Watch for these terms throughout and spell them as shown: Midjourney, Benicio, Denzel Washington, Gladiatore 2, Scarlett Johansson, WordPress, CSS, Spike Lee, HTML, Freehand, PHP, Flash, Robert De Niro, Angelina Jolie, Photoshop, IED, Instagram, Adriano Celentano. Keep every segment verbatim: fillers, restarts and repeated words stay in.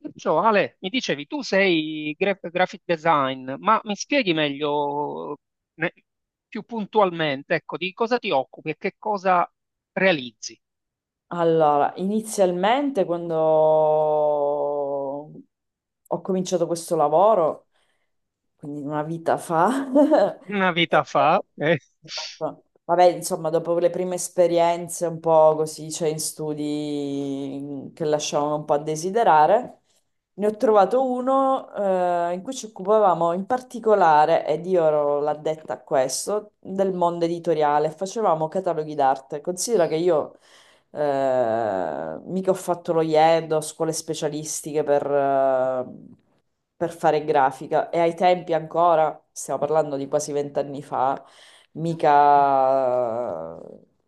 Perciò, Ale, mi dicevi, tu sei gra- graphic design, ma mi spieghi meglio, ne- più puntualmente, ecco, di cosa ti occupi e che cosa realizzi? Allora, inizialmente quando ho cominciato questo lavoro, quindi una vita fa, Una eh, vita fa, eh, esatto. Vabbè, insomma, dopo le prime esperienze un po' così, cioè in studi mm, che lasciavano un po' a desiderare, ne ho trovato uno eh, in cui ci occupavamo in particolare, ed io ero l'addetta a questo, del mondo editoriale, facevamo cataloghi d'arte. Considera che io eh, mica ho fatto lo I E D, ho scuole specialistiche per, eh, per fare grafica e ai tempi ancora, stiamo parlando di quasi vent'anni fa, mica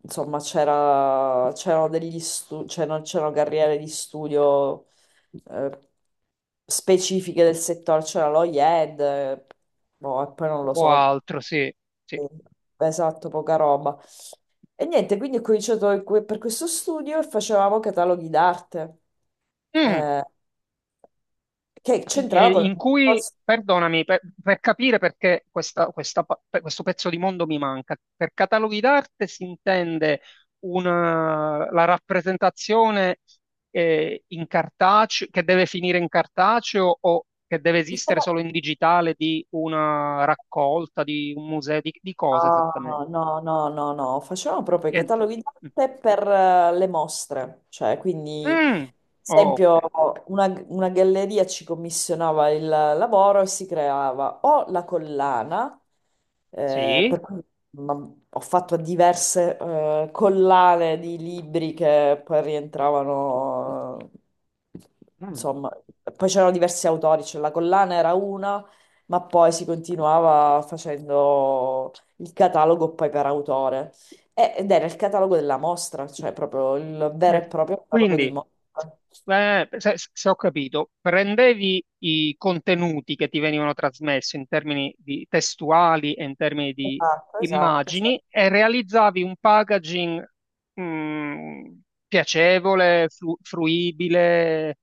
insomma c'era, c'erano degli stu- c'erano, c'erano carriere di studio eh, specifiche del settore, c'era lo I E D, eh, boh, e poi non lo o so. altro, sì, sì. Esatto, poca roba. E niente, quindi ho cominciato in que- per questo studio e facevamo cataloghi d'arte, Mm. eh, che E c'entrava con in il… cui, perdonami, per, per capire perché questa- questa pa- per- questo pezzo di mondo mi manca, per cataloghi d'arte si intende una- la rappresentazione, eh, in cartaceo, che deve finire in cartaceo o che deve Di esistere sabato- solo in digitale di una raccolta, di un museo, di, di cosa esattamente? No, no, no, no, no, facevamo proprio i Niente. cataloghi Mm. d'arte per eh, le mostre, cioè quindi Mm. Ok, esempio, una, una galleria ci commissionava il lavoro e si creava o la collana, eh, per sì. cui ma- ho fatto diverse eh, collane di libri che poi rientravano, eh, insomma, poi c'erano diversi autori, cioè la collana era una, ma poi si continuava facendo il catalogo poi per autore. E- Ed era il catalogo della mostra, cioè proprio il vero e Certo. proprio catalogo di Quindi, mostra. eh, se, se ho capito, prendevi i contenuti che ti venivano trasmessi in termini di testuali e in termini di Esatto, esatto, esatto. immagini e realizzavi un packaging, mh, piacevole, flu- fruibile,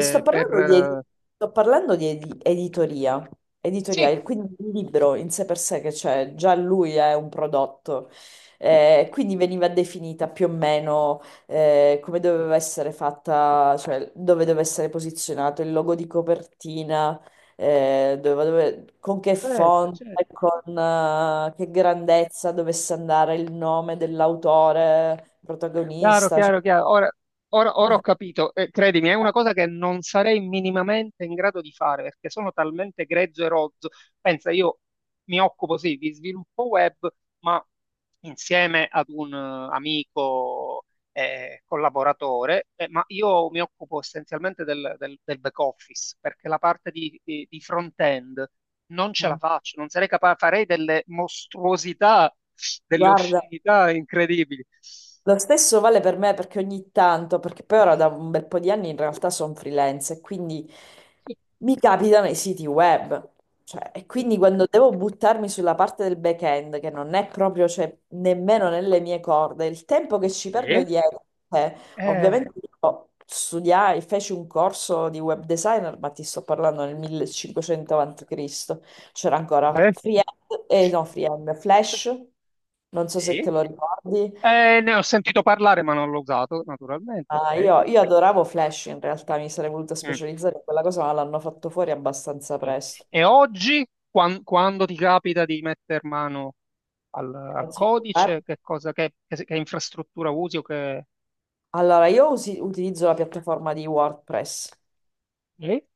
Sto per... parlando di, ed- eh, Sto parlando di edi- editoria, editoria, sì, il- quindi il libro in sé per sé che c'è, già lui è un prodotto. Eh, quindi veniva definita più o meno eh, come doveva essere fatta, cioè dove doveva essere posizionato il logo di copertina, eh, dove- dove- con che certo, certo, font, certo. e con eh, che grandezza dovesse andare il nome dell'autore Chiaro, protagonista. Cioè… chiaro, chiaro. Ora, ora- ora ho capito. Eh, credimi, è una cosa che non sarei minimamente in grado di fare perché sono talmente grezzo e rozzo. Pensa, io mi occupo sì di sviluppo web, ma insieme ad un eh, amico eh, collaboratore, eh, ma io mi occupo essenzialmente del, del- del back office, perché la parte di, di- di front-end non ce la faccio, non sarei capace, farei delle mostruosità, delle Guarda, oscenità incredibili. lo stesso vale per me perché ogni tanto, perché poi ora da un bel po' di anni in realtà sono freelance e quindi mi capitano i siti web. Cioè, e quindi quando devo buttarmi sulla parte del back-end, che non è proprio, cioè, nemmeno nelle mie corde, il tempo che ci perdo Sì. dietro, eh, Eh, ovviamente io studiai, feci un corso di web designer, ma ti sto parlando nel millecinquecento avanti Cristo. C'era ancora beh, Free, eh, no, Freehand, Flash, non so se te sì. lo ricordi. Eh, ne ho sentito parlare, ma non l'ho usato, naturalmente. Ah, Ok. io, io adoravo Flash in realtà, mi sarei voluta Mm, specializzare in quella cosa, ma l'hanno fatto fuori abbastanza sì. presto. E oggi, quan- quando ti capita di metter mano al, al Anzi, eh, codice, che cosa, che, che- che infrastruttura usi o che... Allora, io usi- utilizzo la piattaforma di WordPress, Sì.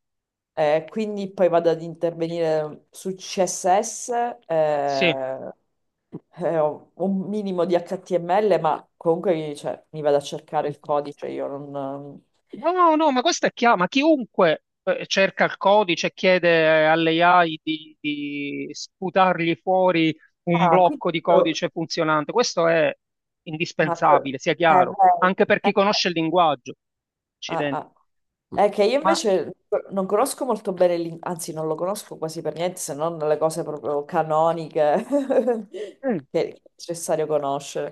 eh, quindi poi vado ad intervenire su C S S, eh, eh, ho un minimo di H T M L, ma comunque cioè, mi vado a cercare Sì. il codice, io non… No, no, no, ma questa è chiaro, ma chiunque eh, cerca il codice e chiede eh, alle A I di, di sputargli fuori un Ah, quindi... blocco di codice funzionante, questo è Ma... co- indispensabile, sia Eh, chiaro, vedi. anche per chi conosce il linguaggio. Ah, Accidenti. ah. È che io Ma invece non conosco molto bene l'in- anzi non lo conosco quasi per niente, se non le cose proprio canoniche mm, che è necessario conoscere.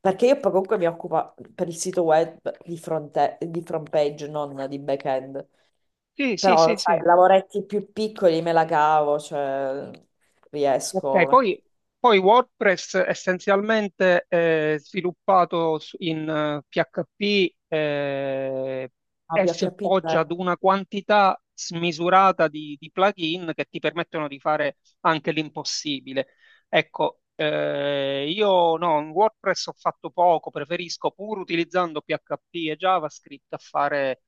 Perché io poi comunque mi occupo per il sito web di fronte- di front page, non di back-end. sì, sì, Però, sì, sì. sai, lavoretti più piccoli me la cavo, cioè riesco. Ok, Ma poi, poi WordPress essenzialmente è sviluppato su- in eh, P H P eh, e si P H P appoggia ad zero. una quantità smisurata di, di plugin che ti permettono di fare anche l'impossibile. Ecco, eh, io no, in WordPress ho fatto poco, preferisco pur utilizzando P H P e JavaScript a fare...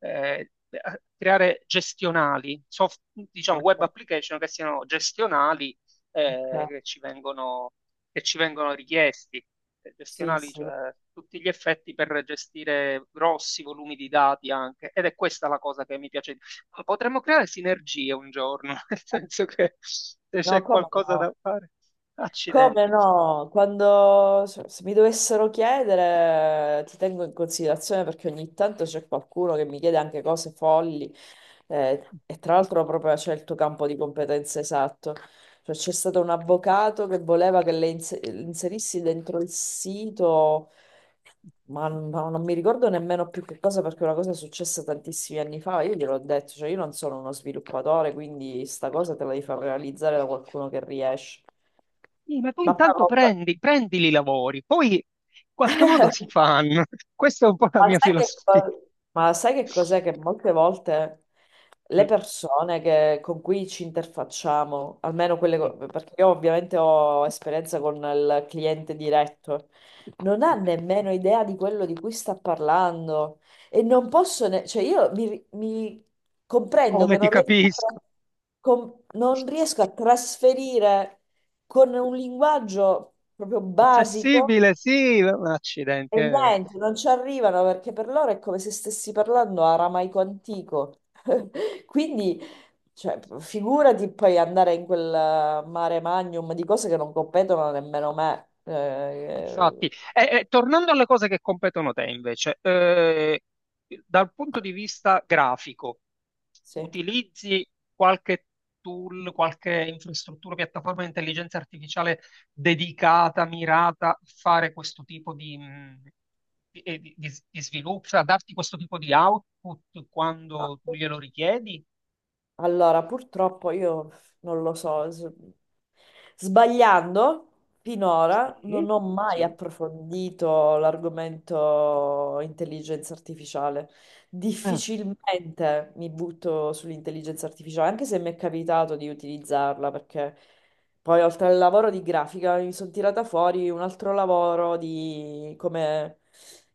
eh, a creare gestionali, soft- diciamo web Ok, application che siano gestionali eh, ok. che ci vengono, che ci vengono richiesti, eh, Sì, gestionali, sì. cioè a tutti gli effetti per gestire grossi volumi di dati anche. Ed è questa la cosa che mi piace. Di- Ma potremmo creare sinergie un giorno, nel senso che se No, c'è come qualcosa no? da fare, Come accidenti. no? Quando se se mi dovessero chiedere, ti tengo in considerazione perché ogni tanto c'è qualcuno che mi chiede anche cose folli eh, e tra l'altro proprio c'è il tuo campo di competenza esatto. Cioè, c'è stato un avvocato che voleva che le inse- le inserissi dentro il sito, ma, ma non mi ricordo nemmeno più che cosa perché una cosa è successa tantissimi anni fa. Io gliel'ho detto, cioè io non sono uno sviluppatore, quindi sta cosa te la devi far realizzare da qualcuno che riesce. Sì, ma tu Ma poi intanto comunque- prendi, prendili i lavori, poi in qualche modo si fanno. Questa è un po' la Ma mia sai che filosofia. co- ma sai che cos'è? Che molte volte le Mm, persone che- con cui ci interfacciamo, almeno quelle, mm. co- perché io ovviamente ho esperienza con il cliente diretto, non ha nemmeno idea di quello di cui sta parlando e non posso, ne- cioè io mi, mi comprendo Come che ti non riesco a, capisco? tra- com- non riesco a trasferire con un linguaggio proprio basico. Accessibile, sì, ma accidenti, E eh. niente, non ci arrivano perché per loro è come se stessi parlando aramaico antico. Quindi, cioè, figurati poi andare in quel mare magnum di cose che non competono nemmeno me. Eh, Infatti, e- e tornando alle cose che competono te invece, eh, dal punto di vista grafico, sì. utilizzi qualche tool, qualche infrastruttura, piattaforma di intelligenza artificiale dedicata, mirata a fare questo tipo di, mh, di, eh, di- di- di sviluppo, cioè a darti questo tipo di output quando tu glielo richiedi? Allora, purtroppo io non lo so, s- sbagliando finora non Sì, ho mai sì. approfondito l'argomento intelligenza artificiale. Eh, Difficilmente mi butto sull'intelligenza artificiale, anche se mi è capitato di utilizzarla, perché poi oltre al lavoro di grafica mi sono tirata fuori un altro lavoro di come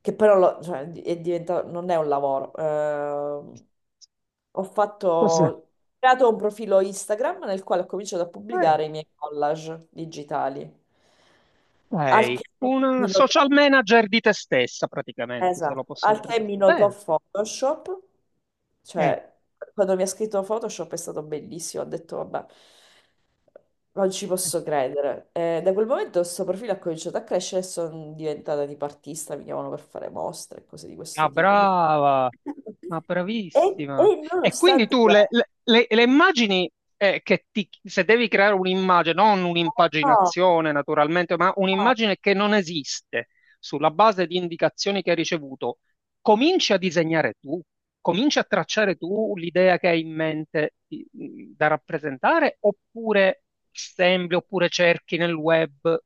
che però lo- cioè, è diventato non è un lavoro. eh, ho fatto forse. Ho creato un profilo Instagram nel quale ho cominciato a pubblicare i miei collage digitali. Al Sei che una mi social notò manager di te stessa, praticamente, se lo Esatto, posso al che mi notò interpretare. Photoshop, Bene. cioè quando mi ha scritto Photoshop è stato bellissimo, ho detto vabbè, non ci Mm. posso credere. E da quel momento questo profilo ha cominciato a crescere e sono diventata tipo artista, mi chiamano per fare mostre e cose di Ah, questo tipo. Boh. brava, ma E, e bravissima. E quindi nonostante tu le, questo, le- le- le immagini eh, che ti, se devi creare un'immagine, non no, un'impaginazione naturalmente, ma no, un'immagine che non esiste sulla base di indicazioni che hai ricevuto, cominci a disegnare tu, cominci a tracciare tu l'idea che hai in mente di- da rappresentare, oppure assembli, oppure cerchi nel web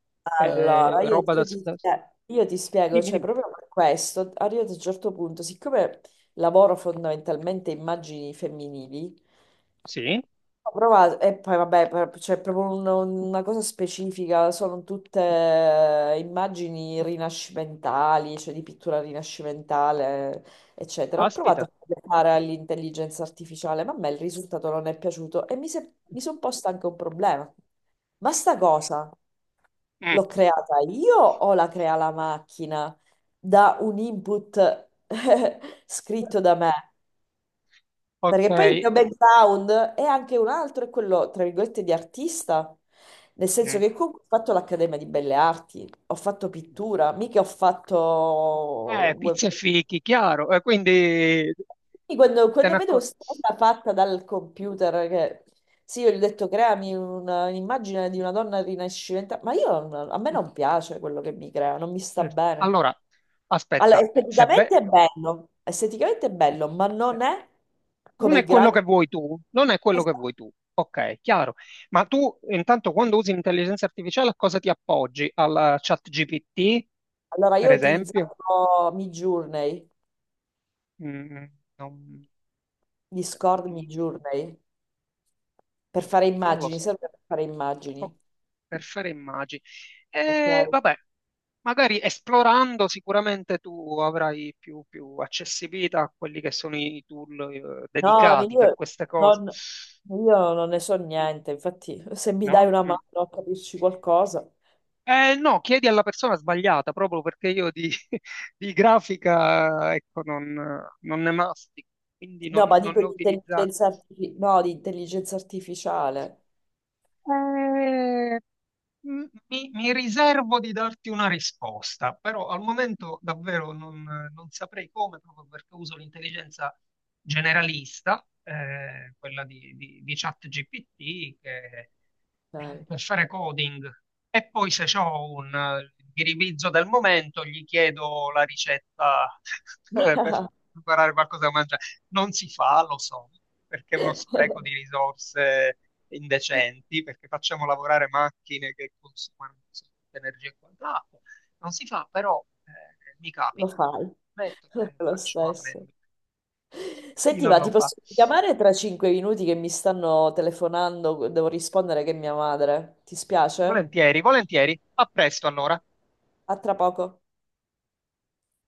Allora, eh, io, roba da, io ti, da... eh, io ti spiego, Dimmi, cioè dimmi. proprio per questo, arrivato a un certo punto, siccome lavoro fondamentalmente immagini femminili, Sì, ho provato, e poi vabbè, per- c'è proprio un- una cosa specifica, sono tutte eh, immagini rinascimentali, cioè di pittura rinascimentale, eccetera. Ho provato a aspita. fare all'intelligenza artificiale, ma a me il risultato non è piaciuto e mi, se- mi sono posta anche un problema. Ma sta cosa? L'ho creata io o la crea la macchina da un input scritto da me? Ok, Perché poi il mio background è anche un altro, è quello, tra virgolette, di artista. Nel senso Mm. che comunque ho fatto l'Accademia di Belle Arti, ho fatto pittura, mica ho fatto… Eh, web- pizza e fichi, chiaro. Eh, quindi Quindi Quando, te quando ne vedo accor- questa cosa fatta dal computer, che… Sì, io gli ho detto creami una- un'immagine di una donna rinascimentale, ma io, non- a me non piace quello che mi crea, non mi sta Mm. bene. Allora, Allora, aspetta, eh, se esteticamente è be- bello, esteticamente è bello, ma eh, non è non come i è quello grandi. che vuoi tu, non è quello che vuoi tu. Ok, chiaro. Ma tu intanto quando usi l'intelligenza artificiale a cosa ti appoggi? Al chat G P T, Allora, per io ho esempio? utilizzato Midjourney, Mm, non... Discord Midjourney, per fare Non lo immagini, so. serve per fare Oh, immagini. per fare immagini. Ok. E vabbè, magari esplorando sicuramente tu avrai più, più accessibilità a quelli che sono i tool eh, No, dedicati per io queste cose. non, io non ne Mm, so niente, infatti se mi dai no? una mano Mm. a capirci qualcosa. Eh, no, chiedi alla persona sbagliata, proprio perché io di, di grafica, ecco, non, non ne mastico, quindi No, non, ma non dico ne ho di utilizzati. intelligenza, artifi- no, di intelligenza artificiale. Eh, m- mi, mi riservo di darti una risposta, però al momento davvero non, non saprei come, proprio perché uso l'intelligenza generalista, eh, quella di, di, di ChatGPT, che, eh, Dai. per fare coding. E poi se ho un eh, ghiribizzo del momento, gli chiedo la ricetta eh, per preparare qualcosa da mangiare. Non si fa, lo so, perché è uno spreco di risorse indecenti, perché facciamo lavorare macchine che consumano un sacco di energia e quant'altro. Non si fa, però eh, mi Lo capita. fai, Metto, lo eh, fai lo faccio stesso. ammenda. Chi Senti, non ma lo ti fa? posso chiamare tra cinque minuti che mi stanno telefonando, devo rispondere che è mia madre. Ti spiace? Volentieri, volentieri. A presto allora. A tra poco.